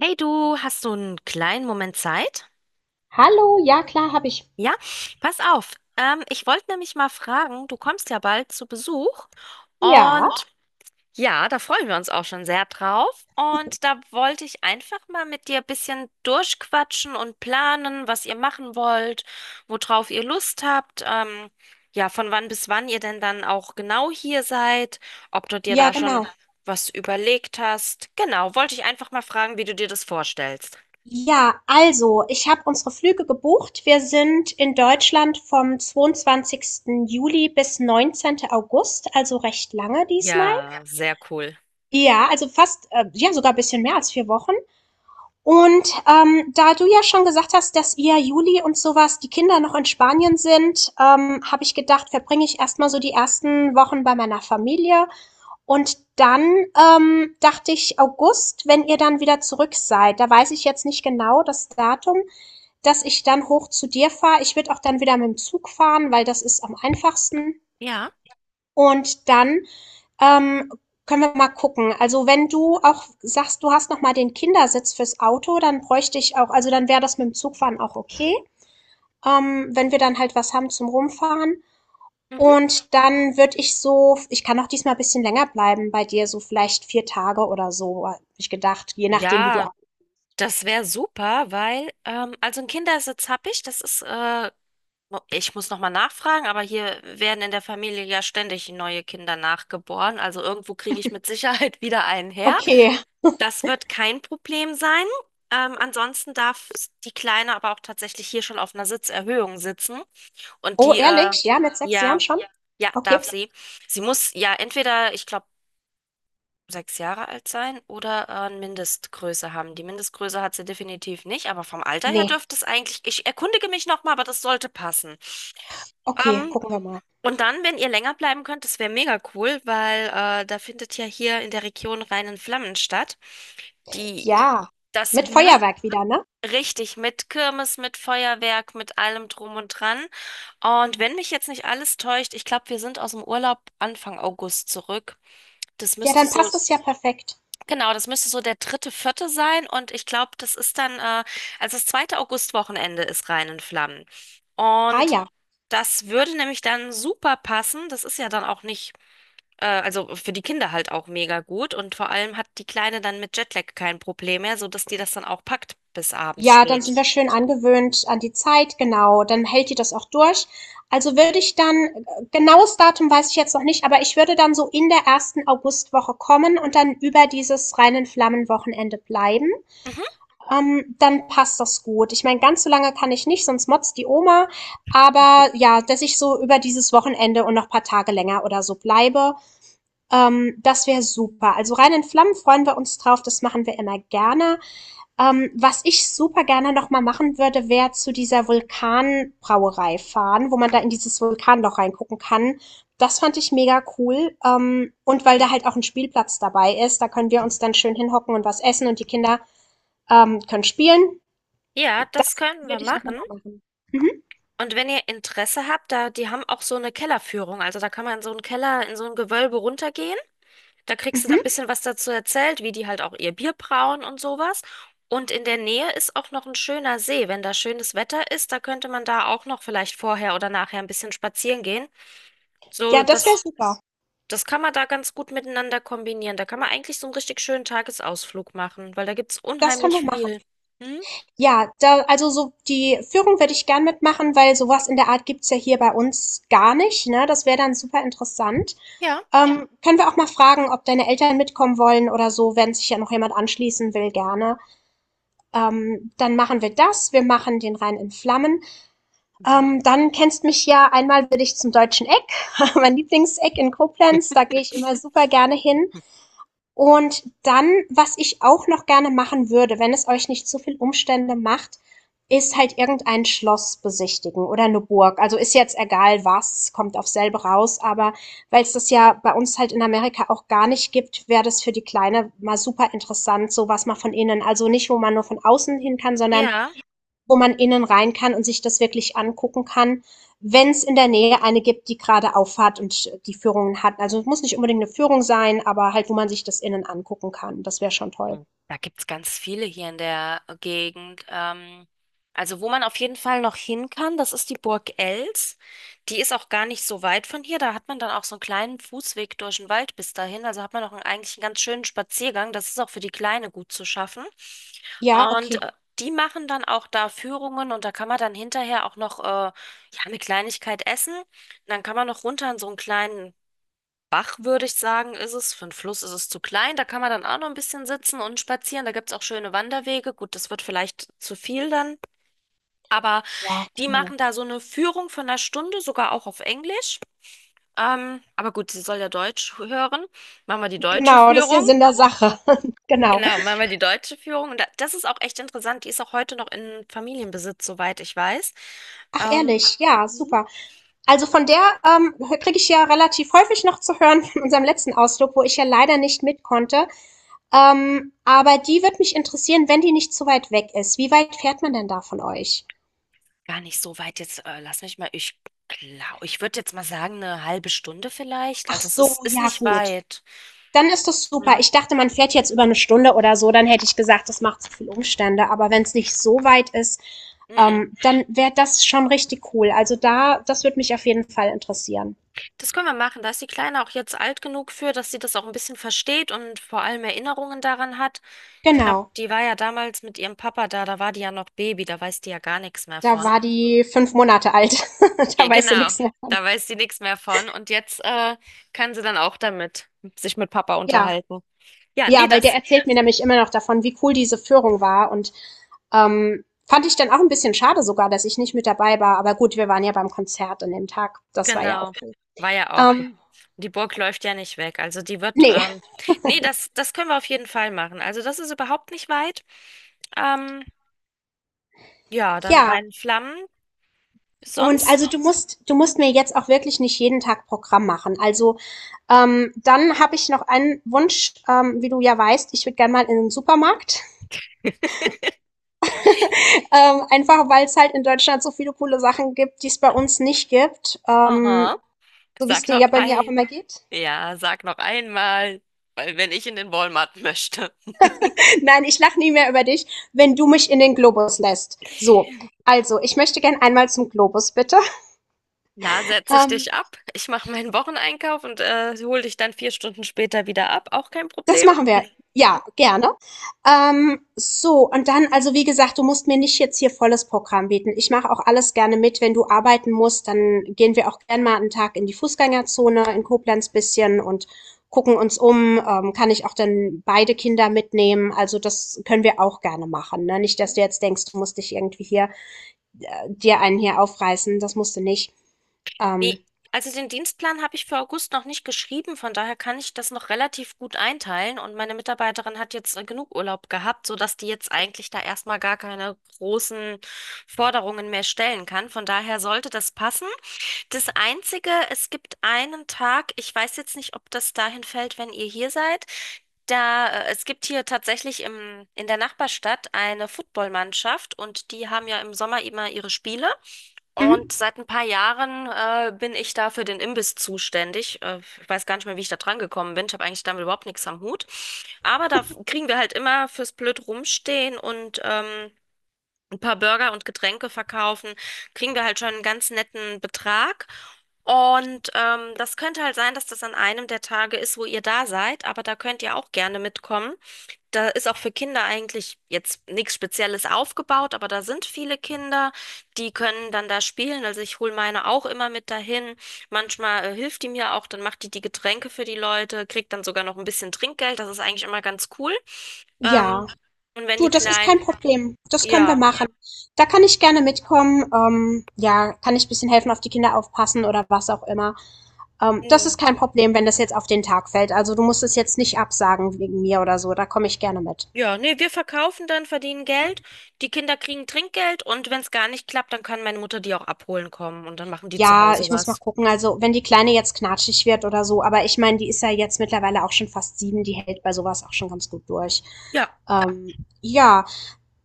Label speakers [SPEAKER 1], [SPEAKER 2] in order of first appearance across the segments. [SPEAKER 1] Hey du, hast du einen kleinen Moment Zeit?
[SPEAKER 2] Hallo, ja klar, habe ich.
[SPEAKER 1] Ja, pass auf. Ich wollte nämlich mal fragen, du kommst ja bald zu Besuch und ja, da freuen wir uns auch schon sehr drauf. Und da wollte ich einfach mal mit dir ein bisschen durchquatschen und planen, was ihr machen wollt, worauf ihr Lust habt. Ja, von wann bis wann ihr denn dann auch genau hier seid, ob du dir
[SPEAKER 2] Ja,
[SPEAKER 1] da schon
[SPEAKER 2] genau.
[SPEAKER 1] was überlegt hast. Genau, wollte ich einfach mal fragen, wie du dir das vorstellst.
[SPEAKER 2] Ja, also, ich habe unsere Flüge gebucht. Wir sind in Deutschland vom 22. Juli bis 19. August, also recht lange diesmal.
[SPEAKER 1] Ja, sehr cool.
[SPEAKER 2] Ja, also fast, ja, sogar ein bisschen mehr als vier Wochen. Und da du ja schon gesagt hast, dass ihr Juli und sowas, die Kinder noch in Spanien sind, habe ich gedacht, verbringe ich erstmal so die ersten Wochen bei meiner Familie. Und dann, dachte ich, August, wenn ihr dann wieder zurück seid, da weiß ich jetzt nicht genau das Datum, dass ich dann hoch zu dir fahre. Ich würde auch dann wieder mit dem Zug fahren, weil das ist am einfachsten.
[SPEAKER 1] Ja.
[SPEAKER 2] Und dann, ähm, können wir mal gucken. Also wenn du auch sagst, du hast noch mal den Kindersitz fürs Auto, dann bräuchte ich auch, also dann wäre das mit dem Zugfahren auch okay. Wenn wir dann halt was haben zum Rumfahren.
[SPEAKER 1] Mhm.
[SPEAKER 2] Und dann würde ich so, ich kann auch diesmal ein bisschen länger bleiben bei dir, so vielleicht 4 Tage oder so, habe ich gedacht, je nachdem, wie du
[SPEAKER 1] Ja,
[SPEAKER 2] a.
[SPEAKER 1] das wäre super, weil, also ein Kindersitz habe ich, das ist, ich muss nochmal nachfragen, aber hier werden in der Familie ja ständig neue Kinder nachgeboren, also irgendwo kriege ich mit Sicherheit wieder einen her.
[SPEAKER 2] Okay.
[SPEAKER 1] Das wird kein Problem sein. Ansonsten darf die Kleine aber auch tatsächlich hier schon auf einer Sitzerhöhung sitzen und
[SPEAKER 2] Oh,
[SPEAKER 1] die,
[SPEAKER 2] ehrlich? Ja, mit 6 Jahren
[SPEAKER 1] ja,
[SPEAKER 2] schon?
[SPEAKER 1] ja, darf
[SPEAKER 2] Okay.
[SPEAKER 1] sie. Sie muss ja entweder, ich glaube, 6 Jahre alt sein oder eine Mindestgröße haben. Die Mindestgröße hat sie definitiv nicht, aber vom Alter her
[SPEAKER 2] Ne.
[SPEAKER 1] dürfte es eigentlich, ich erkundige mich nochmal, aber das sollte passen.
[SPEAKER 2] Okay,
[SPEAKER 1] Ähm,
[SPEAKER 2] gucken wir mal.
[SPEAKER 1] und dann, wenn ihr länger bleiben könnt, das wäre mega cool, weil da findet ja hier in der Region Rhein in Flammen statt, die
[SPEAKER 2] Ja,
[SPEAKER 1] das
[SPEAKER 2] mit
[SPEAKER 1] mit,
[SPEAKER 2] Feuerwerk wieder, ne?
[SPEAKER 1] richtig mit Kirmes, mit Feuerwerk, mit allem drum und dran. Und wenn mich jetzt nicht alles täuscht, ich glaube, wir sind aus dem Urlaub Anfang August zurück. Das
[SPEAKER 2] Ja,
[SPEAKER 1] müsste
[SPEAKER 2] dann
[SPEAKER 1] so
[SPEAKER 2] passt es ja perfekt.
[SPEAKER 1] Genau, das müsste so der dritte, vierte sein und ich glaube, das ist dann, also das zweite Augustwochenende ist Rhein in Flammen.
[SPEAKER 2] Ah
[SPEAKER 1] Und
[SPEAKER 2] ja.
[SPEAKER 1] das würde nämlich dann super passen. Das ist ja dann auch nicht, also für die Kinder halt auch mega gut und vor allem hat die Kleine dann mit Jetlag kein Problem mehr, sodass die das dann auch packt bis abends
[SPEAKER 2] Ja, dann
[SPEAKER 1] spät.
[SPEAKER 2] sind wir schön angewöhnt an die Zeit, genau. Dann hält die das auch durch. Also würde ich dann, genaues Datum weiß ich jetzt noch nicht, aber ich würde dann so in der ersten Augustwoche kommen und dann über dieses reinen Flammenwochenende bleiben.
[SPEAKER 1] Mhm.
[SPEAKER 2] Dann passt das gut. Ich meine, ganz so lange kann ich nicht, sonst motzt die Oma. Aber ja, dass ich so über dieses Wochenende und noch ein paar Tage länger oder so bleibe, das wäre super. Also reinen Flammen freuen wir uns drauf, das machen wir immer gerne. Was ich super gerne noch mal machen würde, wäre zu dieser Vulkanbrauerei fahren, wo man da in dieses Vulkanloch reingucken kann. Das fand ich mega cool. Und weil
[SPEAKER 1] Ja,
[SPEAKER 2] da halt auch ein Spielplatz dabei ist, da können wir uns dann schön hinhocken und was essen und die Kinder, können spielen.
[SPEAKER 1] ja, das
[SPEAKER 2] Das
[SPEAKER 1] könnten wir
[SPEAKER 2] würde ich auch noch
[SPEAKER 1] machen.
[SPEAKER 2] machen. Mhm,
[SPEAKER 1] Und wenn ihr Interesse habt, da, die haben auch so eine Kellerführung. Also da kann man in so einen Keller, in so ein Gewölbe runtergehen. Da kriegst du dann ein
[SPEAKER 2] mhm.
[SPEAKER 1] bisschen was dazu erzählt, wie die halt auch ihr Bier brauen und sowas. Und in der Nähe ist auch noch ein schöner See. Wenn da schönes Wetter ist, da könnte man da auch noch vielleicht vorher oder nachher ein bisschen spazieren gehen. So,
[SPEAKER 2] Ja, das wäre
[SPEAKER 1] das,
[SPEAKER 2] super.
[SPEAKER 1] das kann man da ganz gut miteinander kombinieren. Da kann man eigentlich so einen richtig schönen Tagesausflug machen, weil da gibt es
[SPEAKER 2] Das können wir
[SPEAKER 1] unheimlich
[SPEAKER 2] machen.
[SPEAKER 1] viel. Hm?
[SPEAKER 2] Ja, da, also so die Führung würde ich gern mitmachen, weil sowas in der Art gibt's ja hier bei uns gar nicht, ne? Das wäre dann super interessant.
[SPEAKER 1] Ja.
[SPEAKER 2] Können wir auch mal fragen, ob deine Eltern mitkommen wollen oder so, wenn sich ja noch jemand anschließen will, gerne. Dann machen wir das. Wir machen den Rhein in Flammen.
[SPEAKER 1] Mhm.
[SPEAKER 2] Dann kennst mich ja, einmal will ich zum Deutschen Eck, mein Lieblingseck in Koblenz. Da gehe ich immer super gerne hin. Und dann, was ich auch noch gerne machen würde, wenn es euch nicht zu viel Umstände macht, ist halt irgendein Schloss besichtigen oder eine Burg. Also, ist jetzt egal was, kommt auf selbe raus, aber weil es das ja bei uns halt in Amerika auch gar nicht gibt, wäre das für die Kleine mal super interessant, so was mal von innen. Also, nicht, wo man nur von außen hin kann, sondern
[SPEAKER 1] Ja.
[SPEAKER 2] wo man innen rein kann und sich das wirklich angucken kann, wenn es in der Nähe eine gibt, die gerade auffahrt und die Führungen hat. Also es muss nicht unbedingt eine Führung sein, aber halt, wo man sich das innen angucken kann. Das wäre schon toll.
[SPEAKER 1] Hm. Da gibt's ganz viele hier in der Gegend. Also wo man auf jeden Fall noch hin kann, das ist die Burg Els. Die ist auch gar nicht so weit von hier. Da hat man dann auch so einen kleinen Fußweg durch den Wald bis dahin. Also hat man auch einen, eigentlich einen ganz schönen Spaziergang. Das ist auch für die Kleine gut zu schaffen.
[SPEAKER 2] Ja, okay.
[SPEAKER 1] Und die machen dann auch da Führungen und da kann man dann hinterher auch noch ja, eine Kleinigkeit essen. Und dann kann man noch runter in so einen kleinen Bach, würde ich sagen, ist es. Für einen Fluss ist es zu klein. Da kann man dann auch noch ein bisschen sitzen und spazieren. Da gibt es auch schöne Wanderwege. Gut, das wird vielleicht zu viel dann. Aber
[SPEAKER 2] Ja,
[SPEAKER 1] die machen da so eine Führung von einer Stunde, sogar auch auf Englisch. Aber gut, sie soll ja Deutsch hören. Machen wir die deutsche
[SPEAKER 2] genau, das ist ja
[SPEAKER 1] Führung.
[SPEAKER 2] Sinn der Sache. Genau.
[SPEAKER 1] Genau, machen wir die deutsche Führung. Und da- das ist auch echt interessant. Die ist auch heute noch in Familienbesitz, soweit ich weiß.
[SPEAKER 2] Ach,
[SPEAKER 1] Ähm,
[SPEAKER 2] ehrlich, ja, super. Also von der kriege ich ja relativ häufig noch zu hören von unserem letzten Ausflug, wo ich ja leider nicht mit konnte. Aber die wird mich interessieren, wenn die nicht zu weit weg ist. Wie weit fährt man denn da von euch?
[SPEAKER 1] Gar nicht so weit jetzt. Lass mich mal, ich glaube, ich würde jetzt mal sagen, eine halbe Stunde vielleicht.
[SPEAKER 2] Ach
[SPEAKER 1] Also es
[SPEAKER 2] so,
[SPEAKER 1] ist, ist
[SPEAKER 2] ja
[SPEAKER 1] nicht
[SPEAKER 2] gut.
[SPEAKER 1] weit.
[SPEAKER 2] Dann ist das super.
[SPEAKER 1] Ja.
[SPEAKER 2] Ich dachte, man fährt jetzt über eine Stunde oder so, dann hätte ich gesagt, das macht zu viel Umstände. Aber wenn es nicht so weit ist,
[SPEAKER 1] Mhm.
[SPEAKER 2] dann wäre das schon richtig cool. Also da, das würde mich auf jeden Fall interessieren.
[SPEAKER 1] Das können wir machen. Da ist die Kleine auch jetzt alt genug für, dass sie das auch ein bisschen versteht und vor allem Erinnerungen daran hat. Ich glaube,
[SPEAKER 2] Genau.
[SPEAKER 1] die war ja damals mit ihrem Papa da, da war die ja noch Baby, da weiß die ja gar nichts mehr
[SPEAKER 2] Da
[SPEAKER 1] von.
[SPEAKER 2] war die fünf Monate alt. Da
[SPEAKER 1] Ge-
[SPEAKER 2] weißt du
[SPEAKER 1] Genau,
[SPEAKER 2] nichts mehr.
[SPEAKER 1] da weiß sie nichts mehr von. Und jetzt kann sie dann auch damit sich mit Papa
[SPEAKER 2] Ja.
[SPEAKER 1] unterhalten. Ja, nee,
[SPEAKER 2] Ja, weil der
[SPEAKER 1] das
[SPEAKER 2] erzählt mir nämlich immer noch davon, wie cool diese Führung war. Und ähm, fand ich dann auch ein bisschen schade sogar, dass ich nicht mit dabei war. Aber gut, wir waren ja beim Konzert an dem Tag. Das war ja auch
[SPEAKER 1] genau.
[SPEAKER 2] cool.
[SPEAKER 1] War ja auch.
[SPEAKER 2] Ähm,
[SPEAKER 1] Die Burg läuft ja nicht weg. Also die wird,
[SPEAKER 2] nee,
[SPEAKER 1] nee, das können wir auf jeden Fall machen. Also das ist überhaupt nicht weit. Ähm, ja, dann
[SPEAKER 2] ja.
[SPEAKER 1] Rheinflammen.
[SPEAKER 2] Und
[SPEAKER 1] Sonst,
[SPEAKER 2] also du musst mir jetzt auch wirklich nicht jeden Tag Programm machen. Also dann habe ich noch einen Wunsch, wie du ja weißt, ich würde gerne mal in den Supermarkt. Einfach weil es halt in Deutschland so viele coole Sachen gibt, die es bei uns nicht gibt.
[SPEAKER 1] aha,
[SPEAKER 2] So wie es
[SPEAKER 1] sag
[SPEAKER 2] dir
[SPEAKER 1] noch
[SPEAKER 2] ja bei mir auch
[SPEAKER 1] ein,
[SPEAKER 2] immer geht.
[SPEAKER 1] ja, sag noch einmal, weil wenn ich in den Walmart möchte.
[SPEAKER 2] Nein, ich lache nie mehr über dich, wenn du mich in den Globus lässt. So, also ich möchte gerne einmal zum Globus, bitte.
[SPEAKER 1] Ja, setze ich
[SPEAKER 2] Ähm,
[SPEAKER 1] dich ab. Ich mache meinen Wocheneinkauf und hole dich dann 4 Stunden später wieder ab. Auch kein
[SPEAKER 2] Das
[SPEAKER 1] Problem.
[SPEAKER 2] machen wir. Ja, gerne. So, und dann, also wie gesagt, du musst mir nicht jetzt hier volles Programm bieten. Ich mache auch alles gerne mit. Wenn du arbeiten musst, dann gehen wir auch gerne mal einen Tag in die Fußgängerzone in Koblenz bisschen und gucken uns um. Kann ich auch dann beide Kinder mitnehmen? Also das können wir auch gerne machen. Ne? Nicht, dass du jetzt denkst, du musst dich irgendwie hier, dir einen hier aufreißen. Das musst du nicht. Ähm,
[SPEAKER 1] Nee, also den Dienstplan habe ich für August noch nicht geschrieben, von daher kann ich das noch relativ gut einteilen und meine Mitarbeiterin hat jetzt genug Urlaub gehabt, sodass die jetzt eigentlich da erstmal gar keine großen Forderungen mehr stellen kann. Von daher sollte das passen. Das Einzige, es gibt einen Tag, ich weiß jetzt nicht, ob das dahin fällt, wenn ihr hier seid. Da, es gibt hier tatsächlich im, in der Nachbarstadt eine Footballmannschaft und die haben ja im Sommer immer ihre Spiele. Und
[SPEAKER 2] mhm.
[SPEAKER 1] seit ein paar Jahren bin ich da für den Imbiss zuständig. Ich weiß gar nicht mehr, wie ich da dran gekommen bin. Ich habe eigentlich damit überhaupt nichts am Hut. Aber da kriegen wir halt immer fürs blöd rumstehen und ein paar Burger und Getränke verkaufen, kriegen wir halt schon einen ganz netten Betrag. Und das könnte halt sein, dass das an einem der Tage ist, wo ihr da seid, aber da könnt ihr auch gerne mitkommen. Da ist auch für Kinder eigentlich jetzt nichts Spezielles aufgebaut, aber da sind viele Kinder, die können dann da spielen. Also ich hole meine auch immer mit dahin. Manchmal hilft die mir auch, dann macht die die Getränke für die Leute, kriegt dann sogar noch ein bisschen Trinkgeld. Das ist eigentlich immer ganz cool. Ähm,
[SPEAKER 2] Ja.
[SPEAKER 1] und wenn die
[SPEAKER 2] Du, das ist kein
[SPEAKER 1] Kleinen,
[SPEAKER 2] Problem. Das können wir
[SPEAKER 1] ja.
[SPEAKER 2] machen. Da kann ich gerne mitkommen. Ja, kann ich ein bisschen helfen, auf die Kinder aufpassen oder was auch immer. Das ist kein Problem, wenn das jetzt auf den Tag fällt. Also du musst es jetzt nicht absagen wegen mir oder so. Da komme ich gerne mit.
[SPEAKER 1] Ja, nee, wir verkaufen dann, verdienen Geld, die Kinder kriegen Trinkgeld und wenn es gar nicht klappt, dann kann meine Mutter die auch abholen kommen und dann machen die zu
[SPEAKER 2] Ja,
[SPEAKER 1] Hause
[SPEAKER 2] ich muss mal
[SPEAKER 1] was.
[SPEAKER 2] gucken. Also, wenn die Kleine jetzt knatschig wird oder so, aber ich meine, die ist ja jetzt mittlerweile auch schon fast sieben, die hält bei sowas auch schon ganz gut durch.
[SPEAKER 1] Ja,
[SPEAKER 2] Ähm, ja,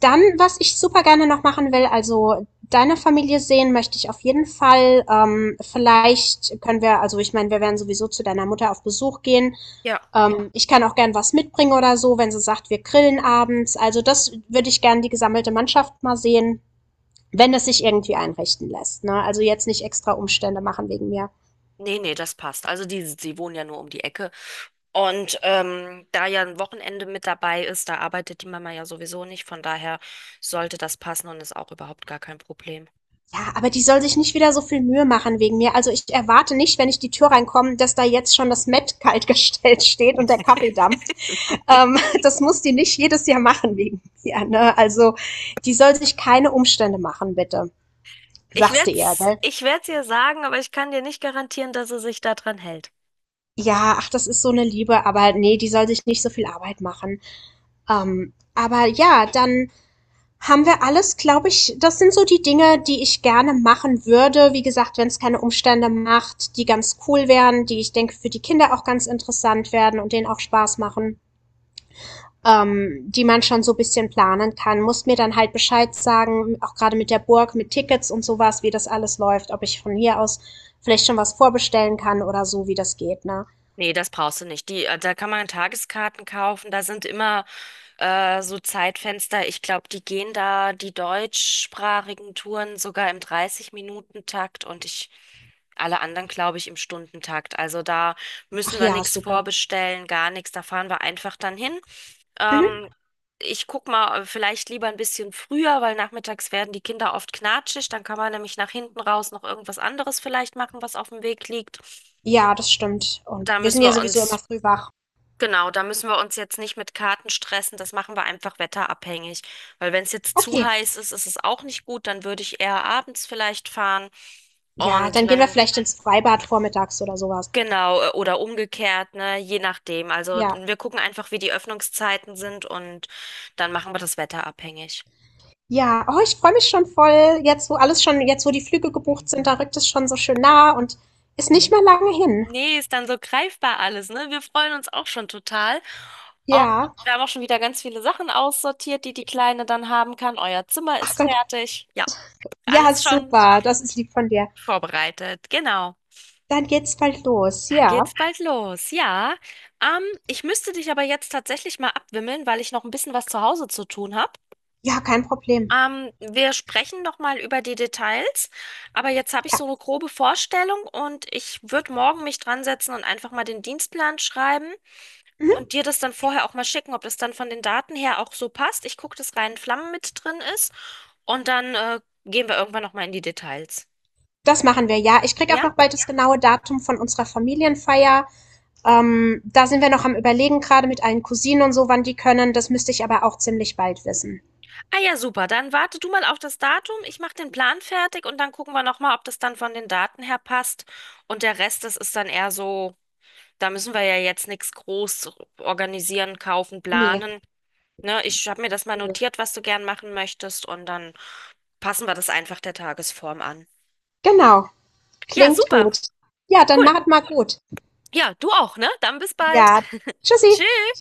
[SPEAKER 2] dann, was ich super gerne noch machen will, also deine Familie sehen möchte ich auf jeden Fall. Vielleicht können wir, also ich meine, wir werden sowieso zu deiner Mutter auf Besuch gehen.
[SPEAKER 1] ja.
[SPEAKER 2] Ich kann auch gern was mitbringen oder so, wenn sie sagt, wir grillen abends. Also das würde ich gern die gesammelte Mannschaft mal sehen, wenn es sich irgendwie einrichten lässt. Ne? Also jetzt nicht extra Umstände machen wegen mir.
[SPEAKER 1] Nee, nee, das passt. Also die, sie wohnen ja nur um die Ecke. Und da ja ein Wochenende mit dabei ist, da arbeitet die Mama ja sowieso nicht. Von daher sollte das passen und ist auch überhaupt gar kein Problem.
[SPEAKER 2] Ja, aber die soll sich nicht wieder so viel Mühe machen wegen mir. Also ich erwarte nicht, wenn ich die Tür reinkomme, dass da jetzt schon das Met kaltgestellt steht und der Kaffeedampf. Das muss die nicht jedes Jahr machen wegen mir. Ne? Also die soll sich keine Umstände machen, bitte.
[SPEAKER 1] Ich
[SPEAKER 2] Sagst du ihr,
[SPEAKER 1] werd's,
[SPEAKER 2] gell?
[SPEAKER 1] ich werd's ihr sagen, aber ich kann dir nicht garantieren, dass sie sich daran hält.
[SPEAKER 2] Ja, ach, das ist so eine Liebe, aber nee, die soll sich nicht so viel Arbeit machen. Aber ja, dann haben wir alles, glaube ich. Das sind so die Dinge, die ich gerne machen würde. Wie gesagt, wenn es keine Umstände macht, die ganz cool wären, die ich denke für die Kinder auch ganz interessant werden und denen auch Spaß machen, die man schon so ein bisschen planen kann. Muss mir dann halt Bescheid sagen, auch gerade mit der Burg, mit Tickets und sowas, wie das alles läuft, ob ich von hier aus vielleicht schon was vorbestellen kann oder so, wie das geht, ne?
[SPEAKER 1] Nee, das brauchst du nicht. Die, da kann man Tageskarten kaufen. Da sind immer so Zeitfenster. Ich glaube, die gehen da die deutschsprachigen Touren sogar im 30-Minuten-Takt und ich alle anderen, glaube ich, im Stundentakt. Also da
[SPEAKER 2] Ach
[SPEAKER 1] müssen wir
[SPEAKER 2] ja,
[SPEAKER 1] nichts
[SPEAKER 2] super.
[SPEAKER 1] vorbestellen, gar nichts. Da fahren wir einfach dann hin.
[SPEAKER 2] Mhm.
[SPEAKER 1] Ähm, ich guck mal, vielleicht lieber ein bisschen früher, weil nachmittags werden die Kinder oft knatschig. Dann kann man nämlich nach hinten raus noch irgendwas anderes vielleicht machen, was auf dem Weg liegt.
[SPEAKER 2] Ja, das stimmt. Und
[SPEAKER 1] Da
[SPEAKER 2] wir sind
[SPEAKER 1] müssen
[SPEAKER 2] ja
[SPEAKER 1] wir
[SPEAKER 2] sowieso immer
[SPEAKER 1] uns
[SPEAKER 2] früh wach.
[SPEAKER 1] Genau, da müssen wir uns jetzt nicht mit Karten stressen, das machen wir einfach wetterabhängig. Weil wenn es jetzt zu
[SPEAKER 2] Okay.
[SPEAKER 1] heiß ist, ist es auch nicht gut, dann würde ich eher abends vielleicht fahren.
[SPEAKER 2] Ja,
[SPEAKER 1] Und
[SPEAKER 2] dann gehen wir
[SPEAKER 1] wenn,
[SPEAKER 2] vielleicht ins Freibad vormittags oder sowas.
[SPEAKER 1] genau, oder umgekehrt, ne, je nachdem. Also
[SPEAKER 2] Ja.
[SPEAKER 1] wir gucken einfach, wie die Öffnungszeiten sind und dann machen wir das wetterabhängig.
[SPEAKER 2] Ja, oh, ich freue mich schon voll. Jetzt, wo alles schon, jetzt, wo die Flüge gebucht sind, da rückt es schon so schön nah und ist nicht mehr lange hin.
[SPEAKER 1] Nee, ist dann so greifbar alles, ne? Wir freuen uns auch schon total. Und
[SPEAKER 2] Ja.
[SPEAKER 1] wir haben auch schon wieder ganz viele Sachen aussortiert, die die Kleine dann haben kann. Euer Zimmer
[SPEAKER 2] Ach
[SPEAKER 1] ist
[SPEAKER 2] Gott.
[SPEAKER 1] fertig. Ja,
[SPEAKER 2] Ja,
[SPEAKER 1] alles schon.
[SPEAKER 2] super. Das ist lieb von dir.
[SPEAKER 1] Vorbereitet, genau.
[SPEAKER 2] Dann geht's bald los.
[SPEAKER 1] Dann
[SPEAKER 2] Ja.
[SPEAKER 1] geht's bald los. Ja, ich müsste dich aber jetzt tatsächlich mal abwimmeln, weil ich noch ein bisschen was zu Hause zu tun habe.
[SPEAKER 2] Ja, kein Problem.
[SPEAKER 1] Wir sprechen noch mal über die Details, aber jetzt habe ich
[SPEAKER 2] Ja.
[SPEAKER 1] so eine grobe Vorstellung und ich würde morgen mich dran setzen und einfach mal den Dienstplan schreiben und
[SPEAKER 2] Mhm.
[SPEAKER 1] dir das dann vorher auch mal schicken, ob das dann von den Daten her auch so passt. Ich gucke, dass Rhein Flammen mit drin ist und dann gehen wir irgendwann noch mal in die Details.
[SPEAKER 2] Das machen wir. Ja, ich krieg auch
[SPEAKER 1] Ja?
[SPEAKER 2] noch bald das genaue Datum von unserer Familienfeier. Da sind wir noch am Überlegen, gerade mit allen Cousinen und so, wann die können. Das müsste ich aber auch ziemlich bald wissen.
[SPEAKER 1] Ah ja, super. Dann warte du mal auf das Datum. Ich mache den Plan fertig und dann gucken wir nochmal, ob das dann von den Daten her passt. Und der Rest, das ist dann eher so, da müssen wir ja jetzt nichts groß organisieren, kaufen,
[SPEAKER 2] Nee.
[SPEAKER 1] planen. Ne, ich habe mir das mal
[SPEAKER 2] Nö.
[SPEAKER 1] notiert, was du gern machen möchtest und dann passen wir das einfach der Tagesform an.
[SPEAKER 2] Genau.
[SPEAKER 1] Ja,
[SPEAKER 2] Klingt
[SPEAKER 1] super.
[SPEAKER 2] gut. Ja, dann
[SPEAKER 1] Cool.
[SPEAKER 2] macht mal gut.
[SPEAKER 1] Ja, du auch, ne? Dann bis
[SPEAKER 2] Ja,
[SPEAKER 1] bald.
[SPEAKER 2] tschüssi.
[SPEAKER 1] Tschüss.